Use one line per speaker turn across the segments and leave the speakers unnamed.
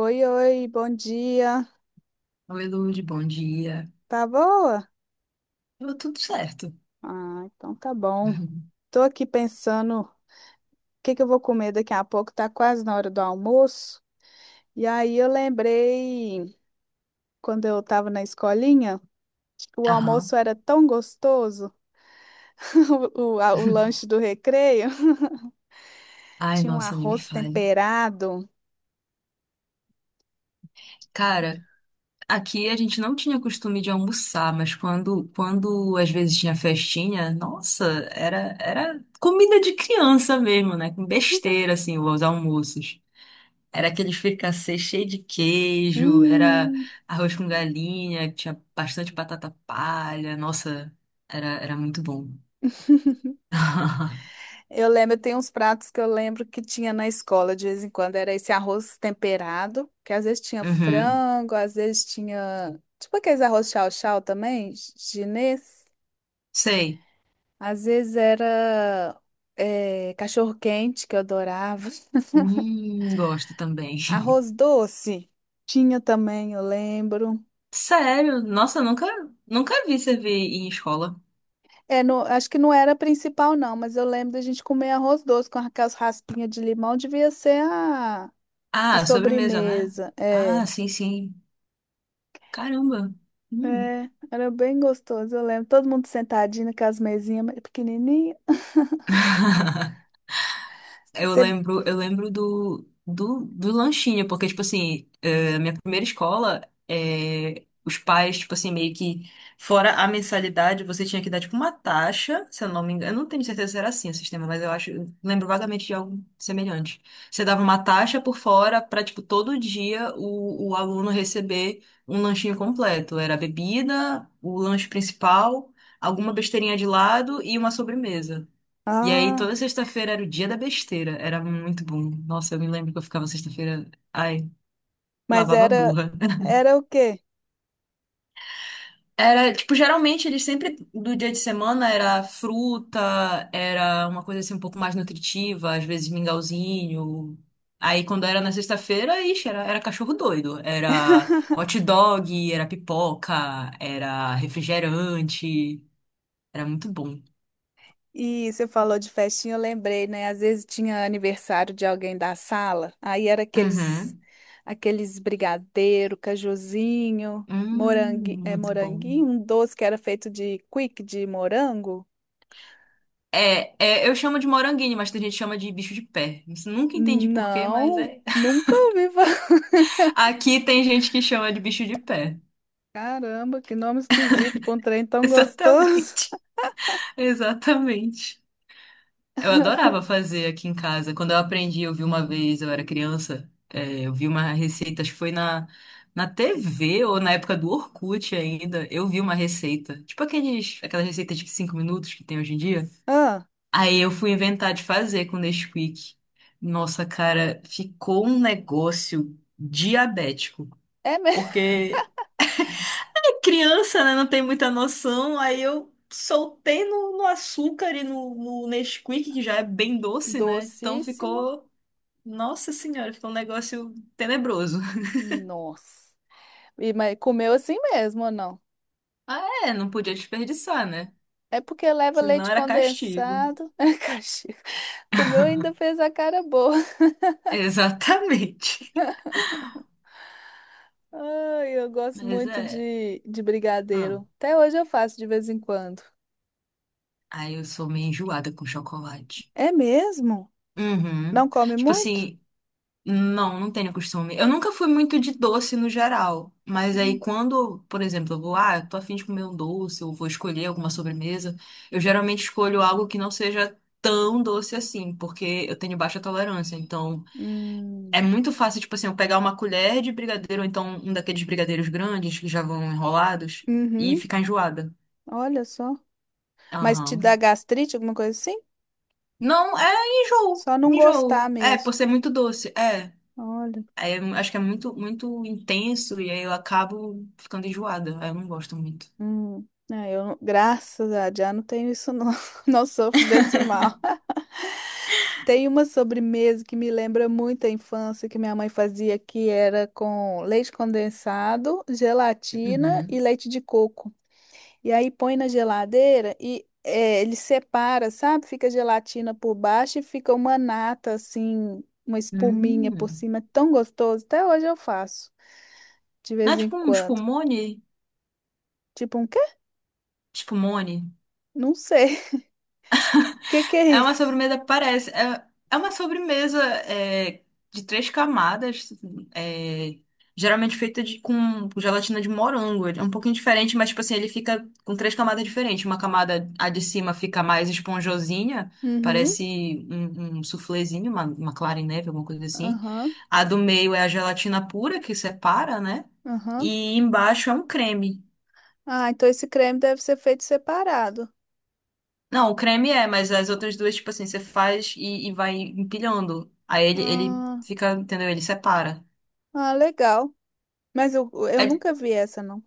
Oi, oi, bom dia.
Oi, Lude, bom dia.
Tá boa?
Deu tudo certo.
Ah, então tá bom. Tô aqui pensando o que que eu vou comer daqui a pouco, tá quase na hora do almoço. E aí eu lembrei quando eu tava na escolinha, o
Aham.
almoço era tão gostoso, o lanche do recreio.
Ai,
Tinha um
nossa, nem me
arroz
fale.
temperado.
Cara, aqui a gente não tinha costume de almoçar, mas quando às vezes tinha festinha, nossa, era comida de criança mesmo, né? Com besteira, assim, os almoços. Era aquele fricassê cheio de queijo, era
Hum.
arroz com galinha, que tinha bastante batata palha. Nossa, era muito bom.
Eu lembro, tem uns pratos que eu lembro que tinha na escola de vez em quando, era esse arroz temperado, que às vezes tinha
Uhum.
frango, às vezes tinha, tipo aqueles arroz chau-chau também, chinês.
Sei.
Às vezes era cachorro-quente, que eu adorava.
Gosto também.
Arroz doce, tinha também, eu lembro.
Sério? Nossa, nunca vi servir em escola.
É, acho que não era a principal não, mas eu lembro da gente comer arroz doce com aquelas raspinhas de limão, devia ser a
Ah, sobremesa, né?
sobremesa, é.
Ah, sim, sim. Caramba. Hum.
É, era bem gostoso, eu lembro. Todo mundo sentadinho com as mesinhas pequenininhas. Você.
Eu lembro do lanchinho, porque, tipo assim, minha primeira escola, os pais, tipo assim, fora a mensalidade, você tinha que dar, tipo, uma taxa, se eu não me engano, eu não tenho certeza se era assim o sistema, mas eu acho, eu lembro vagamente de algo semelhante. Você dava uma taxa por fora para, tipo, todo dia o aluno receber um lanchinho completo. Era a bebida, o lanche principal, alguma besteirinha de lado e uma sobremesa. E aí, toda
Ah,
sexta-feira era o dia da besteira. Era muito bom. Nossa, eu me lembro que eu ficava sexta-feira. Ai,
mas
lavava a
era
burra.
era o quê?
Era, tipo, geralmente eles sempre, do dia de semana, era fruta, era uma coisa assim um pouco mais nutritiva, às vezes mingauzinho. Aí, quando era na sexta-feira, ixi, era cachorro doido. Era hot dog, era pipoca, era refrigerante. Era muito bom.
E você falou de festinha, eu lembrei, né? Às vezes tinha aniversário de alguém da sala, aí era aqueles
Uhum.
aqueles brigadeiro, cajuzinho, morangue,
Hum,
é
muito bom.
moranguinho, um doce que era feito de quick de morango.
É, é, eu chamo de moranguinho, mas tem gente que chama de bicho de pé. Isso eu nunca entendi por quê, mas
Não,
é.
nunca ouvi falar.
Aqui tem gente que chama de bicho de pé.
Caramba, que nome esquisito para um trem tão gostoso.
Exatamente. Exatamente. Eu adorava fazer aqui em casa. Quando eu aprendi, eu vi uma vez, eu era criança, é, eu vi uma receita, acho que foi na TV ou na época do Orkut ainda. Eu vi uma receita. Tipo aqueles, aquela receita de cinco minutos que tem hoje em dia.
Ah,
Aí eu fui inventar de fazer com Nesquik. Nossa, cara, ficou um negócio diabético.
é mesmo?
Porque é criança, né? Não tem muita noção. Aí eu soltei no açúcar e no Nesquik, que já é bem doce, né? Então
Docíssimo?
ficou. Nossa senhora, ficou um negócio tenebroso.
Nossa. E, mas comeu assim mesmo ou não?
Ah, é, não podia desperdiçar, né?
É porque leva
Senão
leite
era castigo.
condensado. Caxias. Comeu e ainda fez a cara boa.
Exatamente.
Ai, eu gosto
Mas
muito
é.
de
Hum.
brigadeiro. Até hoje eu faço de vez em quando.
Aí eu sou meio enjoada com chocolate.
É mesmo?
Uhum.
Não come
Tipo
muito?
assim, não tenho costume. Eu nunca fui muito de doce no geral, mas aí
Hum.
quando, por exemplo, eu vou, ah, eu tô a fim de comer um doce, ou vou escolher alguma sobremesa, eu geralmente escolho algo que não seja tão doce assim, porque eu tenho baixa tolerância. Então, é
Hum.
muito fácil, tipo assim, eu pegar uma colher de brigadeiro, ou então um daqueles brigadeiros grandes que já vão enrolados, e
Uhum.
ficar enjoada.
Olha só. Mas te dá
Aham.
gastrite, alguma coisa assim?
Não, é enjoo,
Só não gostar
enjoo. É, por
mesmo.
ser muito doce, é.
Olha.
Aí eu acho que é muito intenso e aí eu acabo ficando enjoada. Aí eu não gosto muito.
É, eu, não- graças a Deus, não tenho isso não, não sofro desse mal. Tem uma sobremesa que me lembra muito a infância que minha mãe fazia, que era com leite condensado, gelatina
Uhum.
e leite de coco. E aí põe na geladeira e é, ele separa, sabe? Fica gelatina por baixo e fica uma nata assim, uma espuminha por
Hum.
cima. É tão gostoso, até hoje eu faço, de
Não é
vez em
tipo um
quando.
espumone?
Tipo um quê?
Espumone?
Não sei. O que que é
É uma
isso?
sobremesa, parece. É, é uma sobremesa é, de três camadas, é, geralmente feita de, com gelatina de morango. Ele é um pouquinho diferente, mas, tipo assim, ele fica com três camadas diferentes. Uma camada, a de cima, fica mais esponjosinha,
Uhum.
parece um suflezinho, uma clara em neve, alguma coisa assim.
Aham,
A do meio é a gelatina pura, que separa, né?
aham.
E embaixo é um creme.
Ah, então esse creme deve ser feito separado.
Não, o creme é, mas as outras duas, tipo assim, você faz e vai empilhando. Aí ele
Ah,
fica, entendeu? Ele separa.
ah, legal. Mas eu
É,
nunca vi essa, não.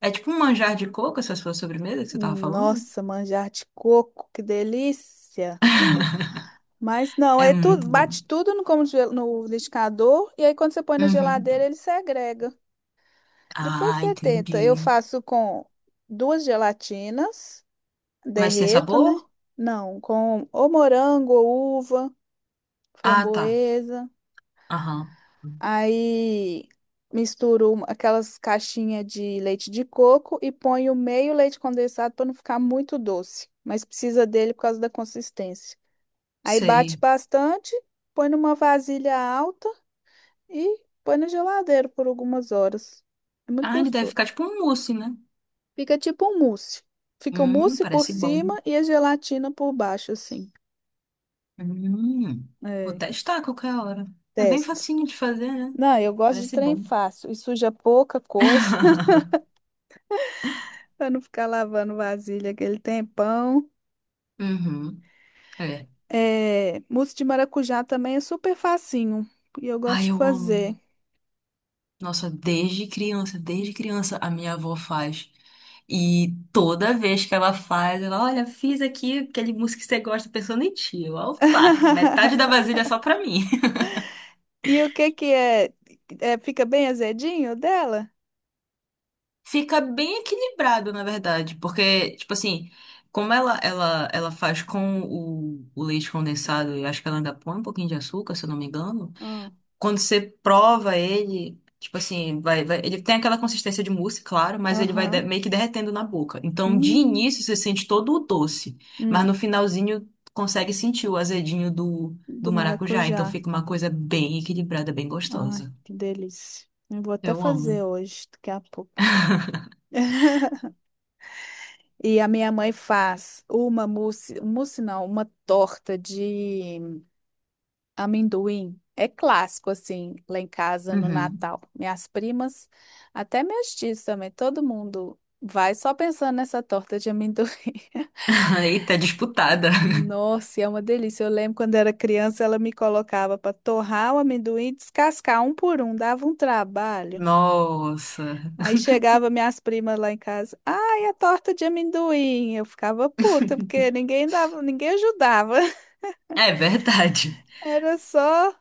é tipo um manjar de coco, essa sua sobremesa que você tava falando?
Nossa, manjar de coco, que delícia. Mas não,
É
é tudo,
muito bom.
bate tudo no liquidificador e aí quando você põe na
Uhum.
geladeira ele segrega. Depois
Ah,
você tenta. Eu
entendi.
faço com duas gelatinas,
Mas tem
derreto, né?
sabor?
Não, com ou morango, ou uva,
Ah, tá.
framboesa.
Aham.
Aí misturo aquelas caixinhas de leite de coco e ponho meio leite condensado para não ficar muito doce, mas precisa dele por causa da consistência. Aí bate
Sei.
bastante, põe numa vasilha alta e põe na geladeira por algumas horas. É muito
Ah, ele deve
gostoso.
ficar tipo um mousse, né?
Fica tipo um mousse. Fica o mousse por
Parece
cima
bom.
e a gelatina por baixo, assim.
Hum. Vou
É,
testar a qualquer hora. É bem
testa.
facinho de fazer, né?
Não, eu gosto de
Parece
trem
bom.
fácil e suja pouca coisa. Pra não ficar lavando vasilha aquele tempão.
Uhum. É.
É, mousse de maracujá também é super facinho. E eu gosto
Ai,
de
eu
fazer.
amo. Nossa, desde criança a minha avó faz. E toda vez que ela faz, ela, olha, fiz aqui aquele músico que você gosta pensando em ti. Eu, opa, metade da vasilha é só pra mim.
E o que que é? É, fica bem azedinho o dela?
Fica bem equilibrado, na verdade, porque, tipo assim, como ela faz com o leite condensado, eu acho que ela ainda põe um pouquinho de açúcar, se eu não me engano.
Ah,
Quando você prova ele, tipo assim, ele tem aquela consistência de mousse, claro, mas ele
aham.
meio que derretendo na boca. Então, de
Hum,
início, você sente todo o doce, mas
hum,
no finalzinho consegue sentir o azedinho do, do
do
maracujá. Então,
maracujá.
fica uma coisa bem equilibrada, bem
Ai,
gostosa.
que delícia. Eu vou até
Eu
fazer
amo.
hoje, daqui a pouco. E a minha mãe faz uma mousse, mousse não, uma torta de amendoim é clássico, assim, lá em casa no
Uhum.
Natal. Minhas primas, até meus tios também, todo mundo vai só pensando nessa torta de amendoim.
Eita, disputada.
Nossa, e é uma delícia. Eu lembro quando era criança, ela me colocava para torrar o amendoim e descascar um por um, dava um trabalho.
Nossa.
Aí chegava minhas primas lá em casa, ai, a torta de amendoim. Eu ficava puta, porque ninguém dava, ninguém ajudava.
É verdade.
Era só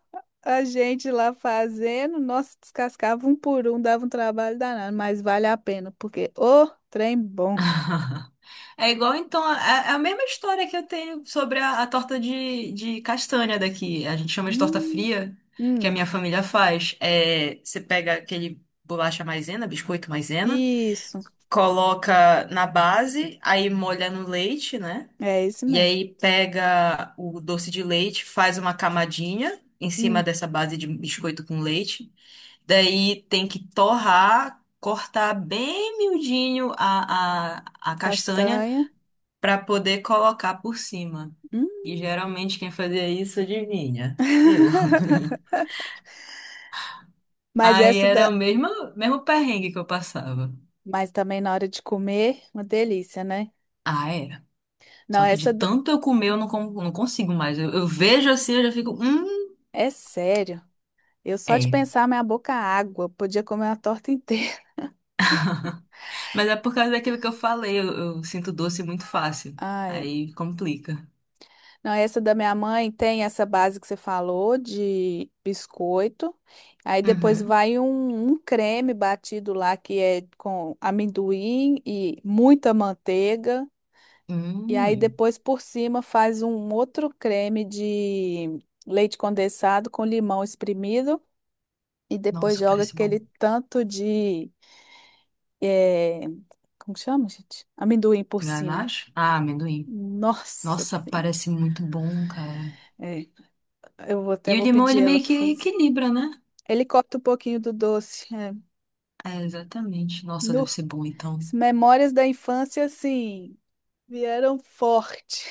a gente lá fazendo, nossa, descascava um por um, dava um trabalho danado, mas vale a pena, porque o trem bom.
É igual, então, é a mesma história que eu tenho sobre a torta de castanha daqui. A gente chama de torta
Hum,
fria, que a
Hum,
minha família faz. É, você pega aquele bolacha maisena, biscoito maisena,
isso,
coloca na base, aí molha no leite, né?
é isso
E
mesmo.
aí pega o doce de leite, faz uma camadinha em cima
Hum,
dessa base de biscoito com leite. Daí tem que torrar, cortar bem miudinho a castanha
castanha.
para poder colocar por cima.
Hum.
E geralmente quem fazia isso, adivinha? Eu.
Mas
Aí
essa
era o
da.
mesmo perrengue que eu passava.
Mas também na hora de comer, uma delícia, né?
Ah, era.
Não,
Só que de tanto eu comer, eu não, não consigo mais. Eu vejo assim, eu já fico.
é sério. Eu só de
É.
pensar, minha boca água. Podia comer uma torta inteira.
Mas é por causa daquilo que eu falei, eu sinto doce muito fácil.
Ai.
Aí complica.
Não, essa da minha mãe tem essa base que você falou de biscoito. Aí depois
Uhum.
vai um creme batido lá que é com amendoim e muita manteiga. E aí
Hum.
depois por cima faz um outro creme de leite condensado com limão espremido. E depois
Nossa,
joga
parece bom.
aquele tanto de. eh, Como que chama, gente? Amendoim por cima.
Ganache? Ah, amendoim.
Nossa
Nossa,
Senhora.
parece muito bom, cara.
É, até
E o
vou
limão, ele
pedir ela
meio
para
que
fazer.
equilibra, né?
Ele corta um pouquinho do doce. É.
É, exatamente. Nossa,
Nu.
deve ser bom, então.
As memórias da infância, assim, vieram forte.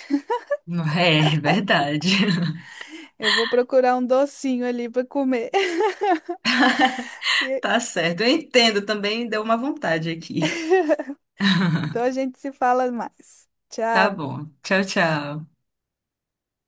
É, é verdade.
Eu vou procurar um docinho ali para comer. E-
Tá certo. Eu entendo também, deu uma vontade aqui.
Então a gente se fala mais.
Tá
Tchau.
bom. Tchau, tchau.